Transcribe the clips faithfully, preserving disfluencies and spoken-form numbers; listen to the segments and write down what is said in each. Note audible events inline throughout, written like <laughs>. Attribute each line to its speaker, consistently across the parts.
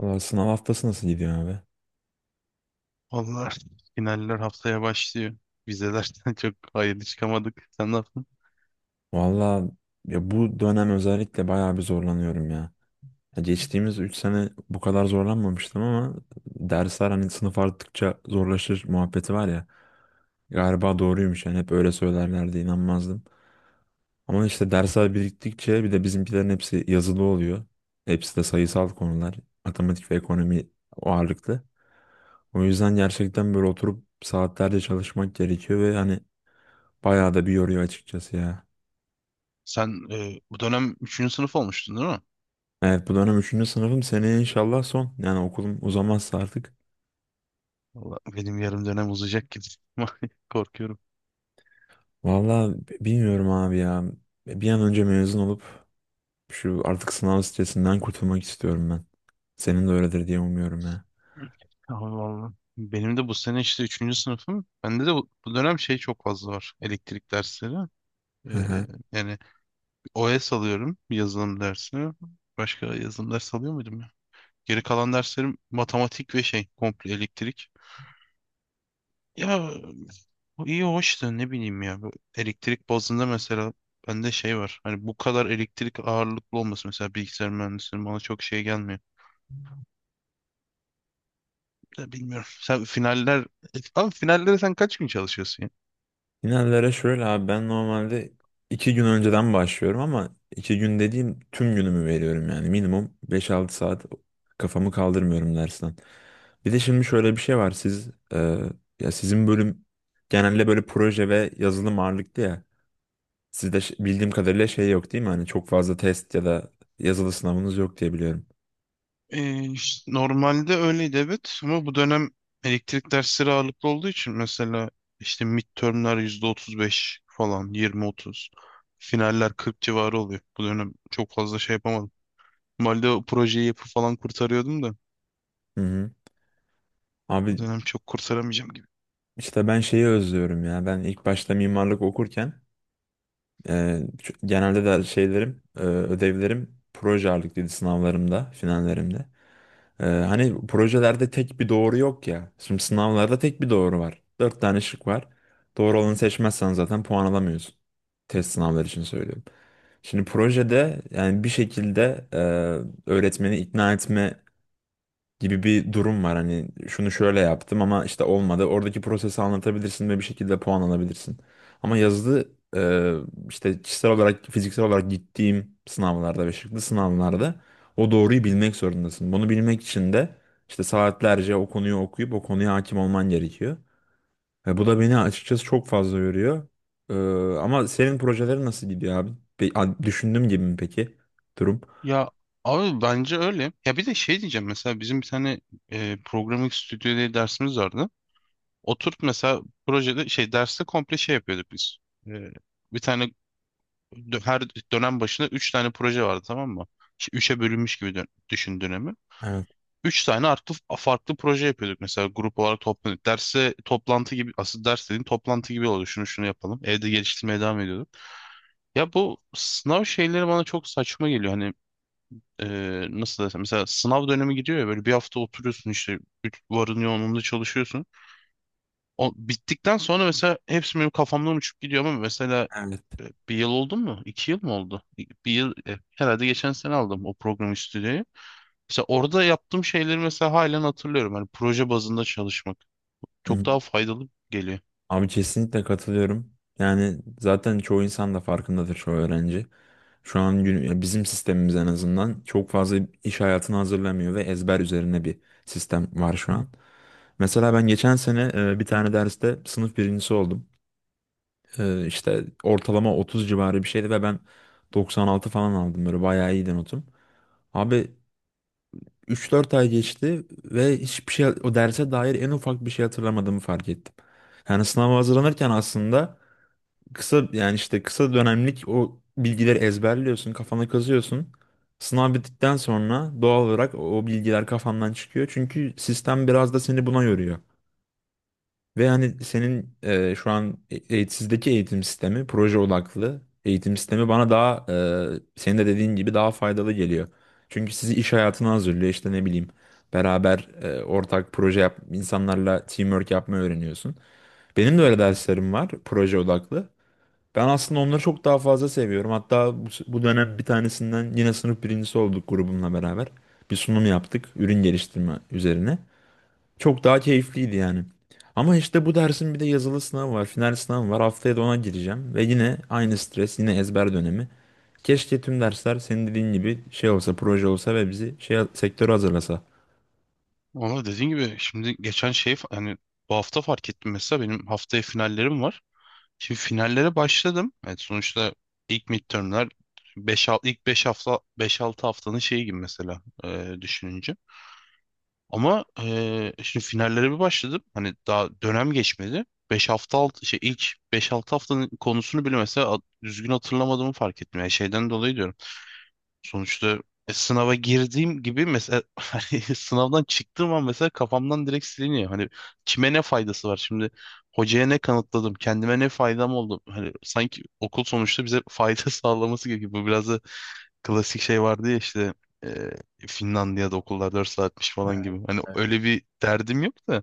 Speaker 1: Valla sınav haftası nasıl gidiyor abi?
Speaker 2: Vallahi finaller haftaya başlıyor. Vizelerden <laughs> çok hayırlı çıkamadık. Sen ne yaptın?
Speaker 1: Valla ya bu dönem özellikle bayağı bir zorlanıyorum ya. Ya geçtiğimiz üç sene bu kadar zorlanmamıştım ama dersler hani sınıf arttıkça zorlaşır muhabbeti var ya. Galiba doğruymuş yani hep öyle söylerlerdi inanmazdım. Ama işte dersler biriktikçe bir de bizimkilerin hepsi yazılı oluyor. Hepsi de sayısal konular. Matematik ve ekonomi ağırlıklı. O yüzden gerçekten böyle oturup saatlerce çalışmak gerekiyor ve hani bayağı da bir yoruyor açıkçası ya.
Speaker 2: Sen e, bu dönem üçüncü sınıf olmuştun değil mi?
Speaker 1: Evet, bu dönem üçüncü sınıfım, seneye inşallah son. Yani okulum uzamazsa artık.
Speaker 2: Vallahi benim yarım dönem uzayacak gibi. <laughs> Korkuyorum.
Speaker 1: Valla bilmiyorum abi ya. Bir an önce mezun olup şu artık sınav stresinden kurtulmak istiyorum ben. Senin de öyledir diye umuyorum ya.
Speaker 2: Ama vallahi. Benim de bu sene işte üçüncü sınıfım. Bende de bu, bu dönem şey çok fazla var. Elektrik dersleri.
Speaker 1: Hı
Speaker 2: E,
Speaker 1: hı.
Speaker 2: yani O S alıyorum yazılım dersi. Başka yazılım dersi alıyor muydum ya? Geri kalan derslerim matematik ve şey komple elektrik. Ya bu iyi hoş da ne bileyim ya. Bu elektrik bazında mesela bende şey var. Hani bu kadar elektrik ağırlıklı olması mesela bilgisayar mühendisliğinin bana çok şey gelmiyor. Ya bilmiyorum. Sen finaller... Abi finallere sen kaç gün çalışıyorsun ya?
Speaker 1: Finallere şöyle abi, ben normalde iki gün önceden başlıyorum ama iki gün dediğim tüm günümü veriyorum yani. Minimum beş altı saat kafamı kaldırmıyorum dersten. Bir de şimdi şöyle bir şey var, siz e, ya sizin bölüm genelde böyle proje ve yazılım ağırlıklı ya. Sizde ş- bildiğim kadarıyla şey yok, değil mi? Hani çok fazla test ya da yazılı sınavınız yok diye biliyorum.
Speaker 2: Ee, işte normalde öyleydi evet ama bu dönem elektrik dersleri ağırlıklı olduğu için mesela işte midtermler yüzde otuz beş falan yirmi otuz, finaller kırk civarı oluyor. Bu dönem çok fazla şey yapamadım. Normalde o projeyi yapıp falan kurtarıyordum da.
Speaker 1: Hı hı. Abi
Speaker 2: Bu dönem çok kurtaramayacağım gibi.
Speaker 1: işte ben şeyi özlüyorum ya. Ben ilk başta mimarlık okurken Ee, ç- genelde de şeylerim, e, ödevlerim proje ağırlıklıydı, sınavlarımda, finallerimde. Ee, hani projelerde tek bir doğru yok ya. Şimdi sınavlarda tek bir doğru var. Dört tane şık var. Doğru olanı seçmezsen zaten puan alamıyorsun. Test sınavları için söylüyorum. Şimdi projede yani bir şekilde e, öğretmeni ikna etme gibi bir durum var. Hani şunu şöyle yaptım ama işte olmadı. Oradaki prosesi anlatabilirsin ve bir şekilde puan alabilirsin. Ama yazılı e, işte kişisel olarak, fiziksel olarak gittiğim sınavlarda ve şıklı sınavlarda o doğruyu bilmek zorundasın. Bunu bilmek için de işte saatlerce o konuyu okuyup o konuya hakim olman gerekiyor. Ve bu da beni açıkçası çok fazla yoruyor. E, ama senin projelerin nasıl gidiyor abi? Pe- a- düşündüğüm gibi mi peki durum?
Speaker 2: Ya abi bence öyle. Ya bir de şey diyeceğim, mesela bizim bir tane e, programming stüdyo diye dersimiz vardı. Oturup mesela projede şey derste komple şey yapıyorduk biz. E, bir tane dö- her dönem başına üç tane proje vardı, tamam mı? İşte üçe bölünmüş gibi dön- düşün dönemi.
Speaker 1: Evet.
Speaker 2: üç tane artı farklı proje yapıyorduk, mesela grup olarak toplanıyorduk. Derse toplantı gibi, asıl ders dediğin toplantı gibi oluyor. Şunu şunu yapalım. Evde geliştirmeye devam ediyorduk. Ya bu sınav şeyleri bana çok saçma geliyor, hani. e, nasıl desem, mesela sınav dönemi gidiyor ya, böyle bir hafta oturuyorsun işte güç- varın yoğunluğunda çalışıyorsun. O bittikten sonra mesela hepsi benim kafamdan uçup gidiyor, ama mesela
Speaker 1: Evet.
Speaker 2: e, bir yıl oldu mu? İki yıl mı oldu? İ- Bir yıl e, herhalde, geçen sene aldım o program stüdyoyu. Mesela orada yaptığım şeyleri mesela halen hatırlıyorum. Hani proje bazında çalışmak çok daha faydalı geliyor.
Speaker 1: Abi kesinlikle katılıyorum. Yani zaten çoğu insan da farkındadır, çoğu öğrenci. Şu an gün- ya bizim sistemimiz en azından çok fazla iş hayatını hazırlamıyor ve ezber üzerine bir sistem var şu an. Mesela ben geçen sene e, bir tane derste sınıf birincisi oldum. E, işte ortalama otuz civarı bir şeydi ve ben doksan altı falan aldım, böyle bayağı iyiydi notum. Abi üç dört ay geçti ve hiçbir şey, o derse dair en ufak bir şey hatırlamadığımı fark ettim. Yani sınava hazırlanırken aslında kısa, yani işte kısa dönemlik o bilgileri ezberliyorsun, kafana kazıyorsun. Sınav bittikten sonra doğal olarak o bilgiler kafandan çıkıyor. Çünkü sistem biraz da seni buna yoruyor. Ve hani senin e, şu an e- e- sizdeki eğitim sistemi, proje odaklı eğitim sistemi bana daha, e, senin de dediğin gibi daha faydalı geliyor. Çünkü sizi iş hayatına hazırlıyor, işte ne bileyim, beraber e, ortak proje yap, insanlarla teamwork yapmayı öğreniyorsun. Benim de öyle derslerim var, proje odaklı. Ben aslında onları çok daha fazla seviyorum. Hatta bu, bu dönem bir tanesinden yine sınıf birincisi olduk grubumla beraber. Bir sunum yaptık ürün geliştirme üzerine. Çok daha keyifliydi yani. Ama işte bu dersin bir de yazılı sınavı var, final sınavı var. Haftaya da ona gireceğim ve yine aynı stres, yine ezber dönemi. Keşke tüm dersler senin dediğin gibi şey olsa, proje olsa ve bizi şey sektöre hazırlasa.
Speaker 2: Ama dediğin gibi, şimdi geçen şey fa- hani bu hafta fark ettim, mesela benim haftaya finallerim var. Şimdi finallere başladım. Evet, sonuçta ilk midtermler beş ilk beş hafta, beş altı haftanın şeyi gibi mesela e, düşününce. Ama e, şimdi finallere bir başladım. Hani daha dönem geçmedi. Beş hafta alt şey ilk beş altı haftanın konusunu bile mesela a- düzgün hatırlamadığımı fark ettim. Yani şeyden dolayı diyorum. Sonuçta e, sınava girdiğim gibi mesela, <laughs> hani sınavdan çıktığım an mesela kafamdan direkt siliniyor. Hani kime ne faydası var şimdi? Hocaya ne kanıtladım? Kendime ne faydam oldu? Hani sanki okul sonuçta bize fayda <laughs> sağlaması gerekiyor. Bu biraz da, klasik şey vardı ya işte, e, Finlandiya'da okullar dört saatmiş falan gibi. Hani öyle bir derdim yok da.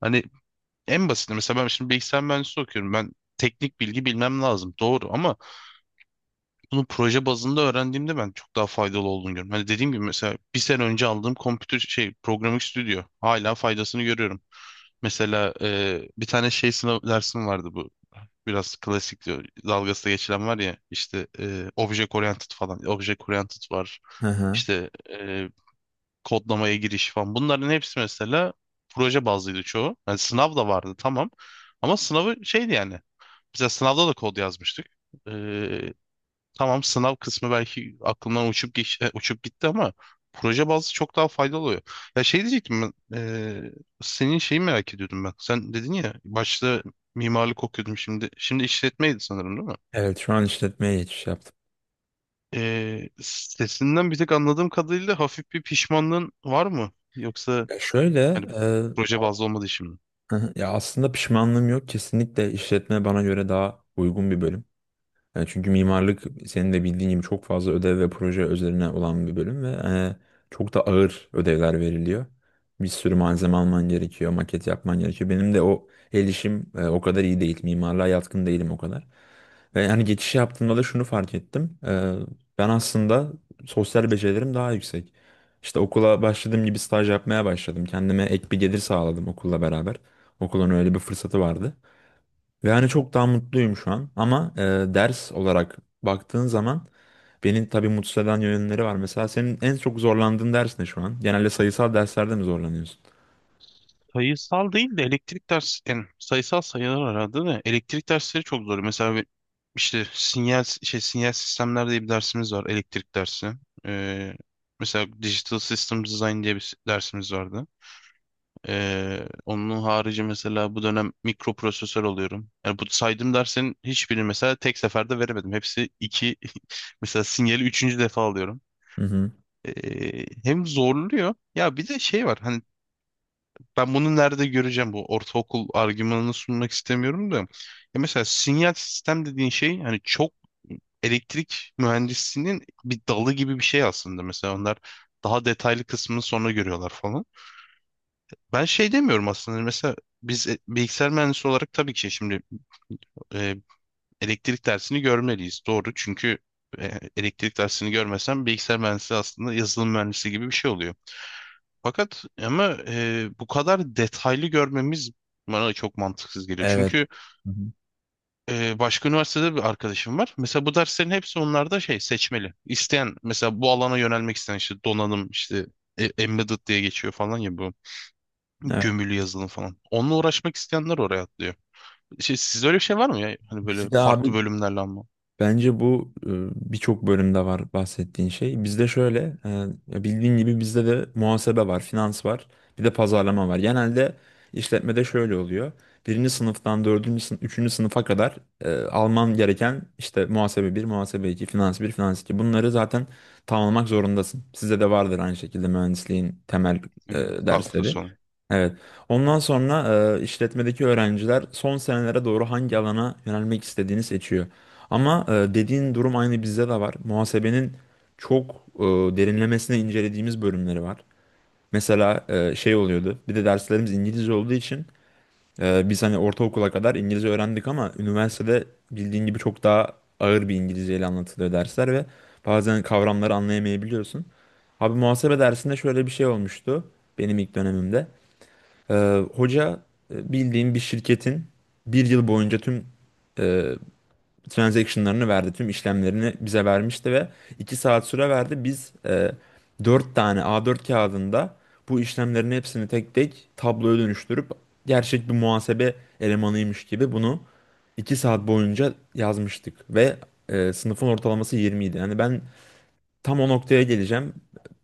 Speaker 2: Hani en basit, mesela ben şimdi bilgisayar mühendisliği okuyorum. Ben teknik bilgi bilmem lazım. Doğru, ama bunu proje bazında öğrendiğimde ben çok daha faydalı olduğunu görüyorum. Hani dediğim gibi, mesela bir sene önce aldığım kompütür şey Programming Studio hala faydasını görüyorum. Mesela e, bir tane şey sınav dersim vardı bu. Biraz klasik diyor. Dalgası da geçilen var ya işte, e, Object Oriented falan. Object Oriented var.
Speaker 1: Hı hı.
Speaker 2: İşte e, kodlamaya giriş falan. Bunların hepsi mesela proje bazlıydı çoğu. Yani sınav da vardı, tamam. Ama sınavı şeydi yani. Mesela sınavda da kod yazmıştık. Tamam, sınav kısmı belki aklımdan uçup geç, e, uçup gitti, ama proje bazlı çok daha faydalı oluyor. Ya şey diyecektim ben, e, senin şeyi merak ediyordum ben. Sen dedin ya, başta mimarlık okuyordum, şimdi şimdi işletmeydi sanırım, değil mi?
Speaker 1: Evet, şu an işletmeye geçiş yaptım.
Speaker 2: E, sesinden bir tek anladığım kadarıyla, hafif bir pişmanlığın var mı? Yoksa
Speaker 1: Ya şöyle,
Speaker 2: hani proje bazlı olmadığı için.
Speaker 1: hı hı. Ya aslında pişmanlığım yok. Kesinlikle işletme bana göre daha uygun bir bölüm. E, çünkü mimarlık senin de bildiğin gibi çok fazla ödev ve proje üzerine olan bir bölüm ve e, çok da ağır ödevler veriliyor. Bir sürü malzeme alman gerekiyor, maket yapman gerekiyor. Benim de o el işim e, o kadar iyi değil. Mimarlığa yatkın değilim o kadar. Ve yani geçiş yaptığımda da şunu fark ettim. E, ben aslında sosyal becerilerim daha yüksek. İşte okula başladığım gibi staj yapmaya başladım. Kendime ek bir gelir sağladım okulla beraber. Okulun öyle bir fırsatı vardı. Ve hani çok daha mutluyum şu an. Ama e, ders olarak baktığın zaman beni tabii mutsuz eden yönleri var. Mesela senin en çok zorlandığın ders ne şu an? Genelde sayısal derslerde mi zorlanıyorsun?
Speaker 2: Sayısal değil de elektrik dersleri, yani sayısal sayılar aradı da, elektrik dersleri çok zor. Mesela bir- işte sinyal şey sinyal sistemler diye bir dersimiz var, elektrik dersi. Ee, mesela Digital System Design diye bir dersimiz vardı. Ee, onun harici mesela bu dönem mikroprosesör oluyorum. Yani bu saydığım derslerin hiçbirini mesela tek seferde veremedim. Hepsi iki, <laughs> mesela sinyali üçüncü defa alıyorum.
Speaker 1: Hı hı.
Speaker 2: Ee, hem zorluyor. Ya bir de şey var. Hani ben bunu nerede göreceğim, bu ortaokul argümanını sunmak istemiyorum da. Ya mesela sinyal sistem dediğin şey hani çok elektrik mühendisliğinin bir dalı gibi bir şey aslında. Mesela onlar daha detaylı kısmını sonra görüyorlar falan. Ben şey demiyorum aslında, hani mesela biz e, bilgisayar mühendisi olarak tabii ki şimdi e, elektrik dersini görmeliyiz. Doğru, çünkü e, elektrik dersini görmesem bilgisayar mühendisi aslında yazılım mühendisi gibi bir şey oluyor. Fakat ama e, bu kadar detaylı görmemiz bana da çok mantıksız geliyor.
Speaker 1: Evet.
Speaker 2: Çünkü
Speaker 1: Hı hı.
Speaker 2: e, başka üniversitede bir arkadaşım var. Mesela bu derslerin hepsi onlarda şey seçmeli. İsteyen mesela, bu alana yönelmek isteyen işte donanım, işte e, embedded diye geçiyor falan ya, bu
Speaker 1: Evet.
Speaker 2: gömülü yazılım falan. Onunla uğraşmak isteyenler oraya atlıyor. Şey, sizde öyle bir şey var mı ya? Hani böyle
Speaker 1: Bizde
Speaker 2: farklı
Speaker 1: abi,
Speaker 2: bölümlerle, ama
Speaker 1: bence bu e, birçok bölümde var bahsettiğin şey. Bizde şöyle, e, ya bildiğin gibi bizde de muhasebe var, finans var, bir de pazarlama var. Genelde işletmede şöyle oluyor. Birinci sınıftan dördüncü sınıf, üçüncü sınıfa kadar e, alman gereken işte muhasebe bir, muhasebe iki, finans bir, finans iki. Bunları zaten tamamlamak zorundasın. Size de vardır aynı şekilde mühendisliğin temel e,
Speaker 2: yani
Speaker 1: dersleri.
Speaker 2: kalkıtı olan.
Speaker 1: Evet. Ondan sonra e, işletmedeki öğrenciler son senelere doğru hangi alana yönelmek istediğini seçiyor. Ama e, dediğin durum aynı bizde de var. Muhasebenin çok e, derinlemesine incelediğimiz bölümleri var. Mesela e, şey oluyordu. Bir de derslerimiz İngilizce olduğu için e, biz hani ortaokula kadar İngilizce öğrendik ama üniversitede bildiğin gibi çok daha ağır bir İngilizceyle anlatılıyor dersler ve bazen kavramları anlayamayabiliyorsun. Abi muhasebe dersinde şöyle bir şey olmuştu benim ilk dönemimde. E, hoca e, bildiğin bir şirketin bir yıl boyunca tüm e, transaction'larını verdi. Tüm işlemlerini bize vermişti ve iki saat süre verdi. Biz e, dört tane A dört kağıdında bu işlemlerin hepsini tek tek tabloya dönüştürüp gerçek bir muhasebe elemanıymış gibi bunu iki saat boyunca yazmıştık ve e, sınıfın ortalaması yirmi idi. Yani ben tam o noktaya geleceğim.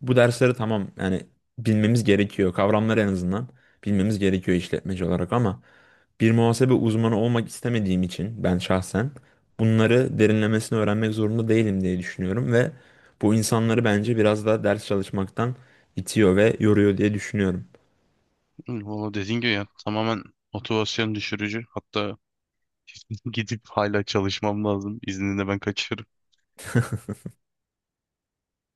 Speaker 1: Bu dersleri tamam, yani bilmemiz gerekiyor. Kavramları en azından bilmemiz gerekiyor işletmeci olarak ama bir muhasebe uzmanı olmak istemediğim için ben şahsen bunları derinlemesine öğrenmek zorunda değilim diye düşünüyorum ve bu insanları bence biraz da ders çalışmaktan itiyor ve yoruyor diye düşünüyorum.
Speaker 2: Hı, valla dediğin gibi ya, tamamen motivasyon düşürücü. Hatta <laughs> gidip hala çalışmam lazım. İzninde ben kaçıyorum.